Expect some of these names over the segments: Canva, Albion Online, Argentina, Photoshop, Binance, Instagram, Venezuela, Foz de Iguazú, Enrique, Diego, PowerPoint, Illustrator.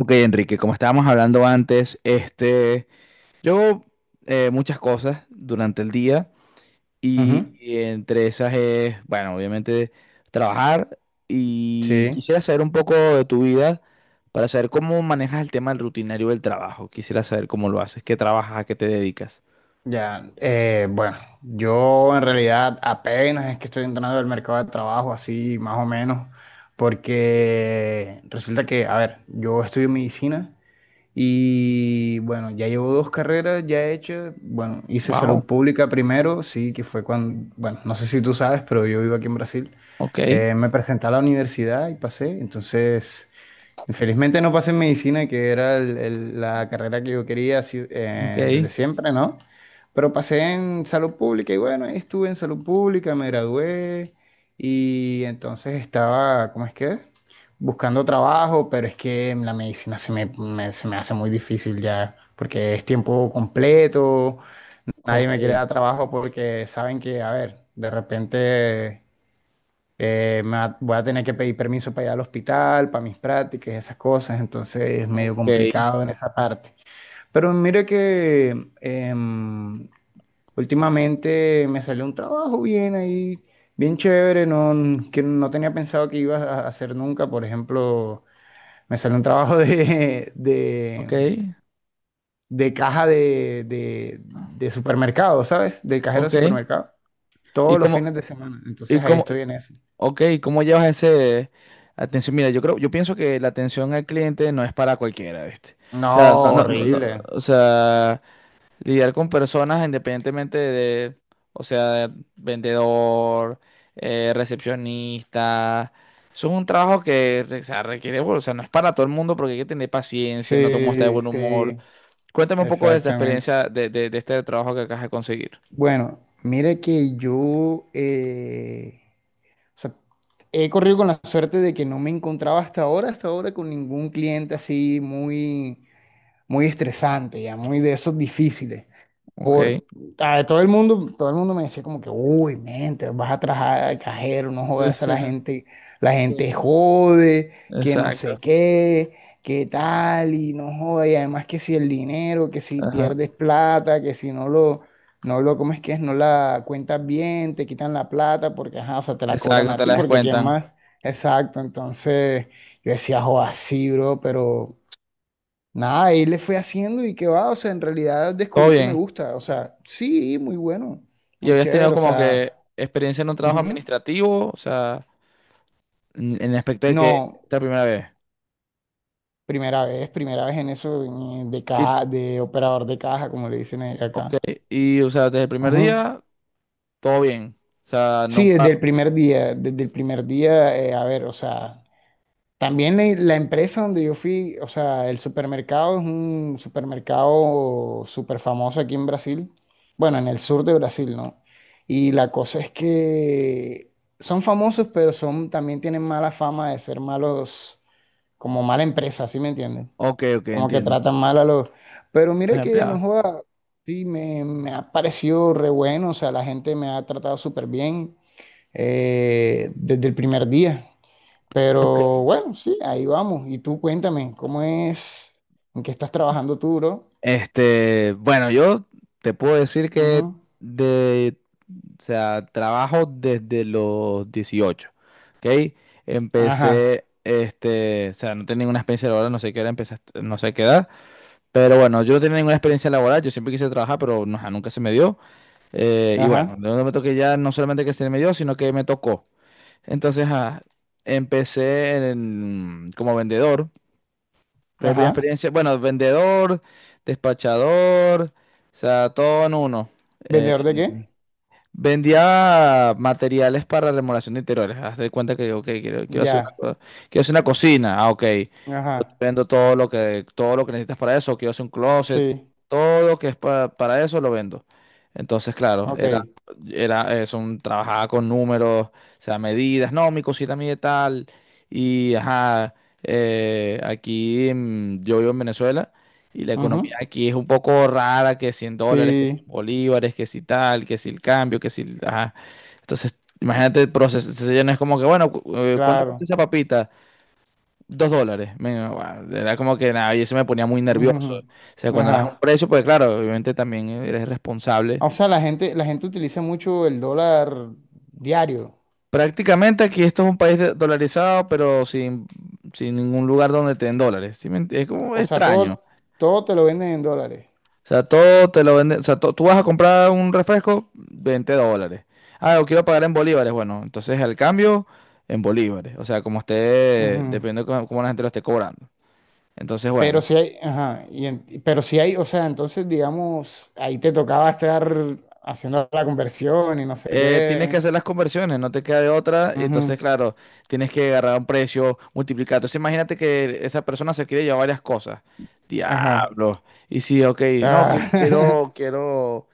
Ok, Enrique, como estábamos hablando antes, yo hago muchas cosas durante el día y, Ujú, y entre esas es, bueno, obviamente trabajar, y sí, quisiera saber un poco de tu vida para saber cómo manejas el tema del rutinario del trabajo. Quisiera saber cómo lo haces, qué trabajas, a qué te dedicas. ya. Bueno, yo en realidad apenas es que estoy entrando al mercado de trabajo, así más o menos, porque resulta que, a ver, yo estudio medicina y bueno, ya llevo dos carreras ya hechas. Bueno, hice salud Wow, pública primero, sí, que fue cuando, bueno, no sé si tú sabes, pero yo vivo aquí en Brasil. ok, Me presenté a la universidad y pasé, entonces. Felizmente no pasé en medicina, que era la carrera que yo quería así, ok, desde siempre, ¿no? Pero pasé en salud pública y bueno, ahí estuve en salud pública, me gradué y entonces estaba, ¿cómo es que? Buscando trabajo, pero es que en la medicina se me hace muy difícil ya, porque es tiempo completo, nadie ok, me quiere dar trabajo porque saben que, a ver, de repente. Voy a tener que pedir permiso para ir al hospital, para mis prácticas, esas cosas, entonces es medio ok, complicado en esa parte. Pero mire que em, últimamente me salió un trabajo bien ahí, bien chévere, no, que no tenía pensado que iba a hacer nunca. Por ejemplo, me salió un trabajo ok, de caja de supermercado, ¿sabes? Del cajero de ok. supermercado, ¿Y todos los cómo, fines de semana. y Entonces ahí cómo, estoy en eso. ok, ¿cómo llevas ese atención? Mira, yo creo, yo pienso que la atención al cliente no es para cualquiera, ¿viste? O No, sea, no, horrible. o sea, lidiar con personas independientemente de, o sea, vendedor, recepcionista, eso es un trabajo que, o sea, requiere, bueno, o sea, no es para todo el mundo porque hay que tener paciencia, no todo el mundo está de Sí, buen humor. sí, Cuéntame un poco de esta exactamente. experiencia de este trabajo que acabas de conseguir. Bueno, mira que yo o sea, he corrido con la suerte de que no me encontraba hasta ahora con ningún cliente así muy, muy estresante, ya muy de esos difíciles. ¿Ok? Por, todo el mundo me decía como que, uy, mente, vas a trabajar al cajero, no jodas a la Sí. gente jode, que no sé Exacto. qué, qué tal, y no jodas, y además que si el dinero, que si pierdes plata, que si no lo, no lo, ¿cómo es que es? No la cuentas bien, te quitan la plata, porque, ajá, o sea, te la cobran Exacto, a te ti, la porque quién descuentan. más, exacto, entonces yo decía, joda, sí, bro, pero nada, ahí le fui haciendo y que va, o sea, en realidad Todo descubrí que me bien. gusta, o sea, sí, muy bueno, ¿Y muy habías tenido chévere, o como sea, que experiencia en un trabajo ujú. administrativo? O sea, en el aspecto de que esta No, es la primera vez. Primera vez en eso Y, de operador de caja, como le dicen ok, acá. y o sea, desde el primer Ujú. día, todo bien. O sea, Sí, nunca... desde el primer día, desde el primer día, a ver, o sea, también la empresa donde yo fui, o sea, el supermercado es un supermercado súper famoso aquí en Brasil, bueno, en el sur de Brasil, ¿no? Y la cosa es que son famosos, pero son, también tienen mala fama de ser malos, como mala empresa, ¿sí me entienden? Ok, ok, Como que entiendo. tratan mal a los. Pero Los mire que no empleados. joda, sí, me ha parecido re bueno, o sea, la gente me ha tratado súper bien desde el primer día. Ok. Pero bueno, sí, ahí vamos. Y tú cuéntame, ¿cómo es? ¿En qué estás trabajando tú, bro? Bueno, yo te puedo decir que Ujú. de, o sea, trabajo desde los 18. ¿Ok? Ajá, Empecé, o sea, no tenía ninguna experiencia laboral, no sé qué era, empecé, a est- no sé qué edad. Pero bueno, yo no tenía ninguna experiencia laboral, yo siempre quise trabajar, pero no, ajá, nunca se me dio. Y bueno, ajá, de momento que ya no solamente que se me dio, sino que me tocó. Entonces, ajá, empecé en- como vendedor. Fue mi primera ajá. experiencia, bueno, vendedor, despachador, o sea, todo en uno. Eh, ¿Vendedor de qué? Vendía materiales para remodelación de interiores. Haz de cuenta que, ok, quiero hacer Ya, una, co- quiero hacer una cocina. Ah, ok. ajá, Yo te vendo todo lo que necesitas para eso. Quiero hacer un closet. sí, Todo lo que es pa- para eso lo vendo. Entonces, claro, ok. Trabajaba con números, o sea, medidas. No, mi cocina mide tal. Y, ajá, aquí yo vivo en Venezuela. Y la economía Ujú, aquí es un poco rara, que $100, que 100 sí, bolívares, que si tal, que si el cambio, que si... el- Ajá. Entonces, imagínate el proceso. Entonces, ya no es como que, bueno, cu- ¿cuánto cuesta claro. esa papita? $2. Me- guau, era como que nada, y eso me ponía muy nervioso. O Ujú, sea, cuando das ajá. un precio, pues claro, obviamente también eres responsable. O sea, la gente utiliza mucho el dólar diario. Prácticamente aquí esto es un país de- dolarizado, pero sin ningún lugar donde te den dólares. ¿Sí me ent- Es como O sea, extraño. todo, todo te lo venden en dólares. O sea, todo te lo venden. O sea, to- tú vas a comprar un refresco, $20. Ah, lo quiero pagar en bolívares. Bueno, entonces el cambio en bolívares. O sea, como esté, Ujú. dependiendo de cómo la gente lo esté cobrando. Entonces, bueno, Pero si hay, o sea, entonces, digamos, ahí te tocaba estar haciendo la conversión y no sé tienes que qué. hacer las conversiones, no te queda de otra. Y entonces, Ujú, claro, tienes que agarrar un precio, multiplicar. Entonces, imagínate que esa persona se quiere llevar varias cosas. ajá. Diablo. Y sí, ok, no, quiero, Ah, quiero, quiero,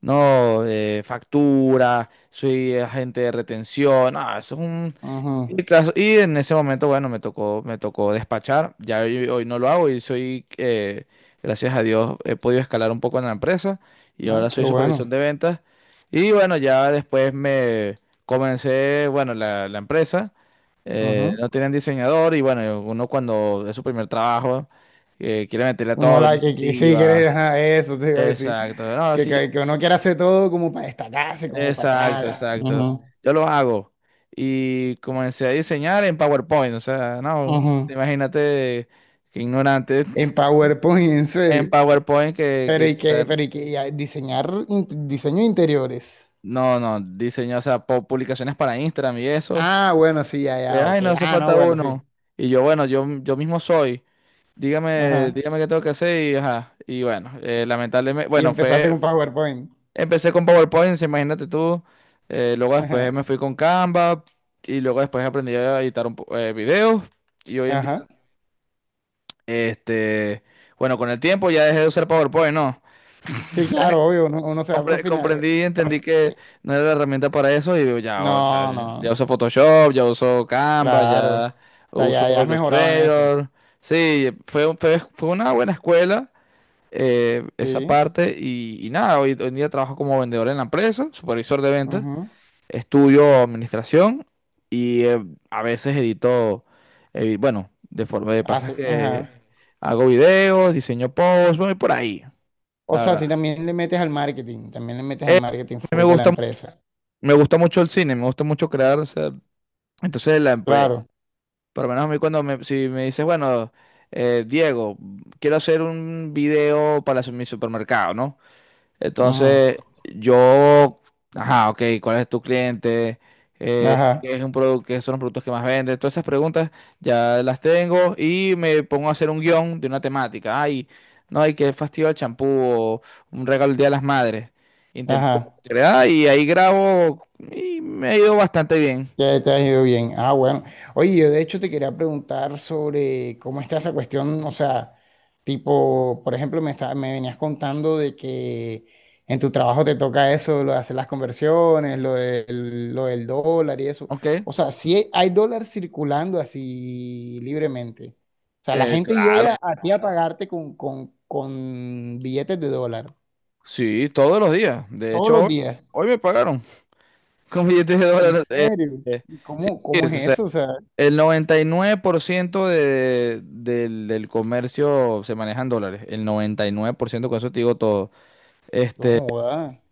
no, factura, soy agente de retención. No, eso es un. ujú. Y, tras- y en ese momento, bueno, me tocó despachar. Ya hoy, hoy no lo hago y soy, gracias a Dios, he podido escalar un poco en la empresa y Ay, ahora qué soy supervisor bueno. de ventas. Y bueno, ya después me comencé, bueno, la empresa Ujú. No tenían diseñador y bueno, uno cuando es su primer trabajo, quiere meterle a Uno todo, la que sí quiere, iniciativa. ajá, eso te iba a decir. Exacto. No, sí, Que yo. uno quiere hacer todo como para destacarse, como para tal. Exacto, Exacto. exacto. Ujú, Yo lo hago. Y comencé a diseñar en PowerPoint. O sea, no, ujú. imagínate que ignorante. En PowerPoint, en En serio. PowerPoint que sea- Pero y que ya, diseño de interiores. no, no, diseño, o sea, pu- publicaciones para Instagram y eso. Ah, bueno, sí, ya, Que, ya, ay, ok. no hace Ah, no, falta bueno, sí. uno. Y yo, bueno, yo mismo soy. Dígame, Ajá. dígame qué tengo que hacer y, ajá. Y bueno, lamentablemente, Y bueno, empezaste fue, con PowerPoint. empecé con PowerPoint, sí, imagínate tú. Luego Ajá. después me fui con Canva y luego después aprendí a editar un po- videos. Y hoy en día, Ajá. este, bueno, con el tiempo ya dejé de usar PowerPoint, ¿no? Sí, claro, obvio, uno, uno se va Compre- profinar. comprendí y entendí que no era la herramienta para eso y digo, ya, o sea, No, no, ya uso Photoshop, ya uso Canva, claro. O ya sea, uso ya, ya has mejorado en eso. Illustrator. Sí, fue, un- fue, fue una buena escuela esa Sí. parte y nada, hoy, hoy en día trabajo como vendedor en la empresa, supervisor de ventas. Ujú. Estudio administración y a veces edito, bueno, de forma de Ah, pasas sí, que ajá. hago videos, diseño posts, voy por ahí, O la sea, verdad. si también le metes al marketing, también le metes al marketing A mí me full de la gusta, mu- empresa. me gusta mucho el cine, me gusta mucho crear, o sea, entonces la empresa, Claro. por lo menos a mí cuando me, si me dices, bueno, Diego, quiero hacer un video para su- mi supermercado, ¿no? Ujú. Entonces yo, ajá, ok, ¿cuál es tu cliente? Que Ajá, es un producto, qué son los productos que más venden. Todas esas preguntas ya las tengo y me pongo a hacer un guión de una temática. Ay, no, hay que fastidio el champú o un regalo el Día de las Madres. Intento ajá. crear y ahí grabo y me ha ido bastante bien. Ya te ha ido bien. Ah, bueno. Oye, yo de hecho te quería preguntar sobre cómo está esa cuestión, o sea, tipo, por ejemplo, me venías contando de que en tu trabajo te toca eso, lo de hacer las conversiones, lo del dólar y eso. ¿Ok? O sea, si hay, hay dólar circulando así libremente. O sea, la gente Claro, llega, sí, a ti a pagarte con billetes de dólar sí, todos los días. De todos hecho, los hoy, días. hoy me pagaron con billetes de ¿En dólares. Serio? eh, ¿Y sí, cómo, sí, cómo es sí, eso? O sea, el 99% de- del, del comercio se maneja en dólares. El 99%, con eso te digo todo. no Este, joda.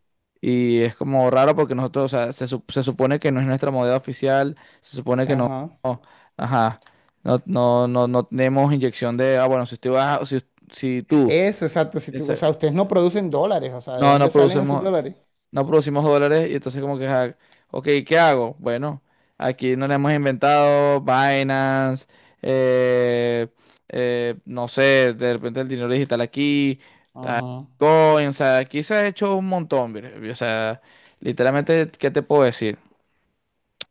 y es como raro porque nosotros, o sea, se, sup- se supone que no es nuestra moneda oficial, se supone que no, Ajá. no, ajá, no tenemos inyección de, ah, bueno, si usted va, si, si tú, Eso, exacto. Si tú, o esa- sea, ustedes no producen dólares, o sea, ¿de no, no dónde salen esos producemos, dólares? no producimos dólares y entonces como que, ja, ok, ¿qué hago? Bueno, aquí no le hemos inventado Binance, eh, no sé, de repente el dinero digital aquí, Ajá. Coin, o sea, aquí se ha hecho un montón, mire, o sea, literalmente, ¿qué te puedo decir?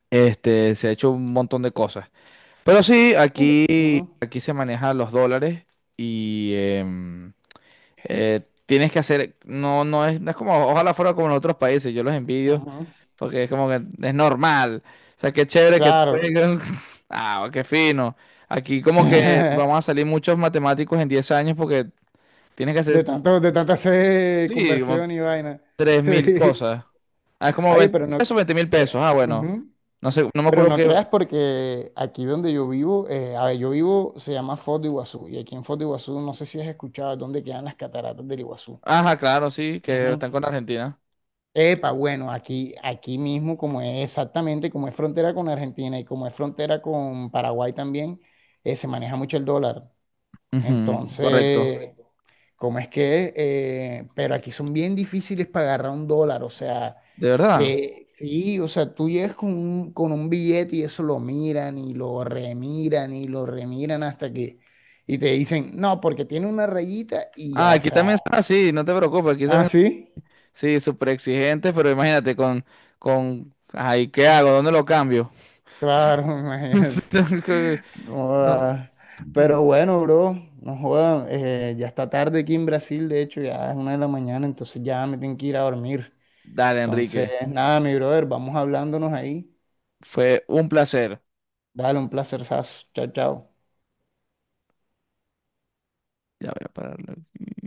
Se ha hecho un montón de cosas. Pero sí, aquí, Ujú, aquí se manejan los dólares y eh, tienes que hacer, no, no es, no es como, ojalá fuera como en otros países, yo los envidio ujú. porque es como que es normal. O sea, qué chévere que te Claro. Ah, qué fino. Aquí como que vamos a salir muchos matemáticos en 10 años porque tienes que De hacer, tanto, de tanta hacer sí, como conversión y vaina. 3 Sí. mil cosas. Ah, es como Oye, 20 pero no, pesos, 20 mil pesos. pe- Ah, bueno. ujú. No sé, no me Pero acuerdo no que... creas porque aquí donde yo vivo, a ver, yo vivo, se llama Foz de Iguazú, y aquí en Foz de Iguazú, no sé si has escuchado dónde quedan las cataratas del Iguazú. Ajá, claro, sí, que Ujú. están con Argentina. Epa, bueno, aquí, aquí mismo, como es exactamente, como es frontera con Argentina y como es frontera con Paraguay también, se maneja mucho el dólar. Ujú, correcto. Entonces, correcto. ¿Cómo es que? Pero aquí son bien difíciles para agarrar un dólar, o sea, ¿De verdad? Sí, o sea, tú llegas con un billete y eso lo miran y lo remiran hasta que, y te dicen, no, porque tiene una rayita y Ah, ya, o aquí sea, también son así, no te preocupes, aquí ah, también... sí. Sí, súper exigentes, pero imagínate con... Ay, ¿qué hago? ¿Dónde lo cambio? Claro, imagínate. No No. joda. mm, Pero bueno, bro, no joda, ya está tarde aquí en Brasil, de hecho, ya es 1 de la mañana, entonces ya me tengo que ir a dormir. Dale, Entonces, Enrique. nada, mi brother, vamos hablándonos ahí. Fue un placer. Dale, un placer, chao, chao. Ya voy a pararlo aquí.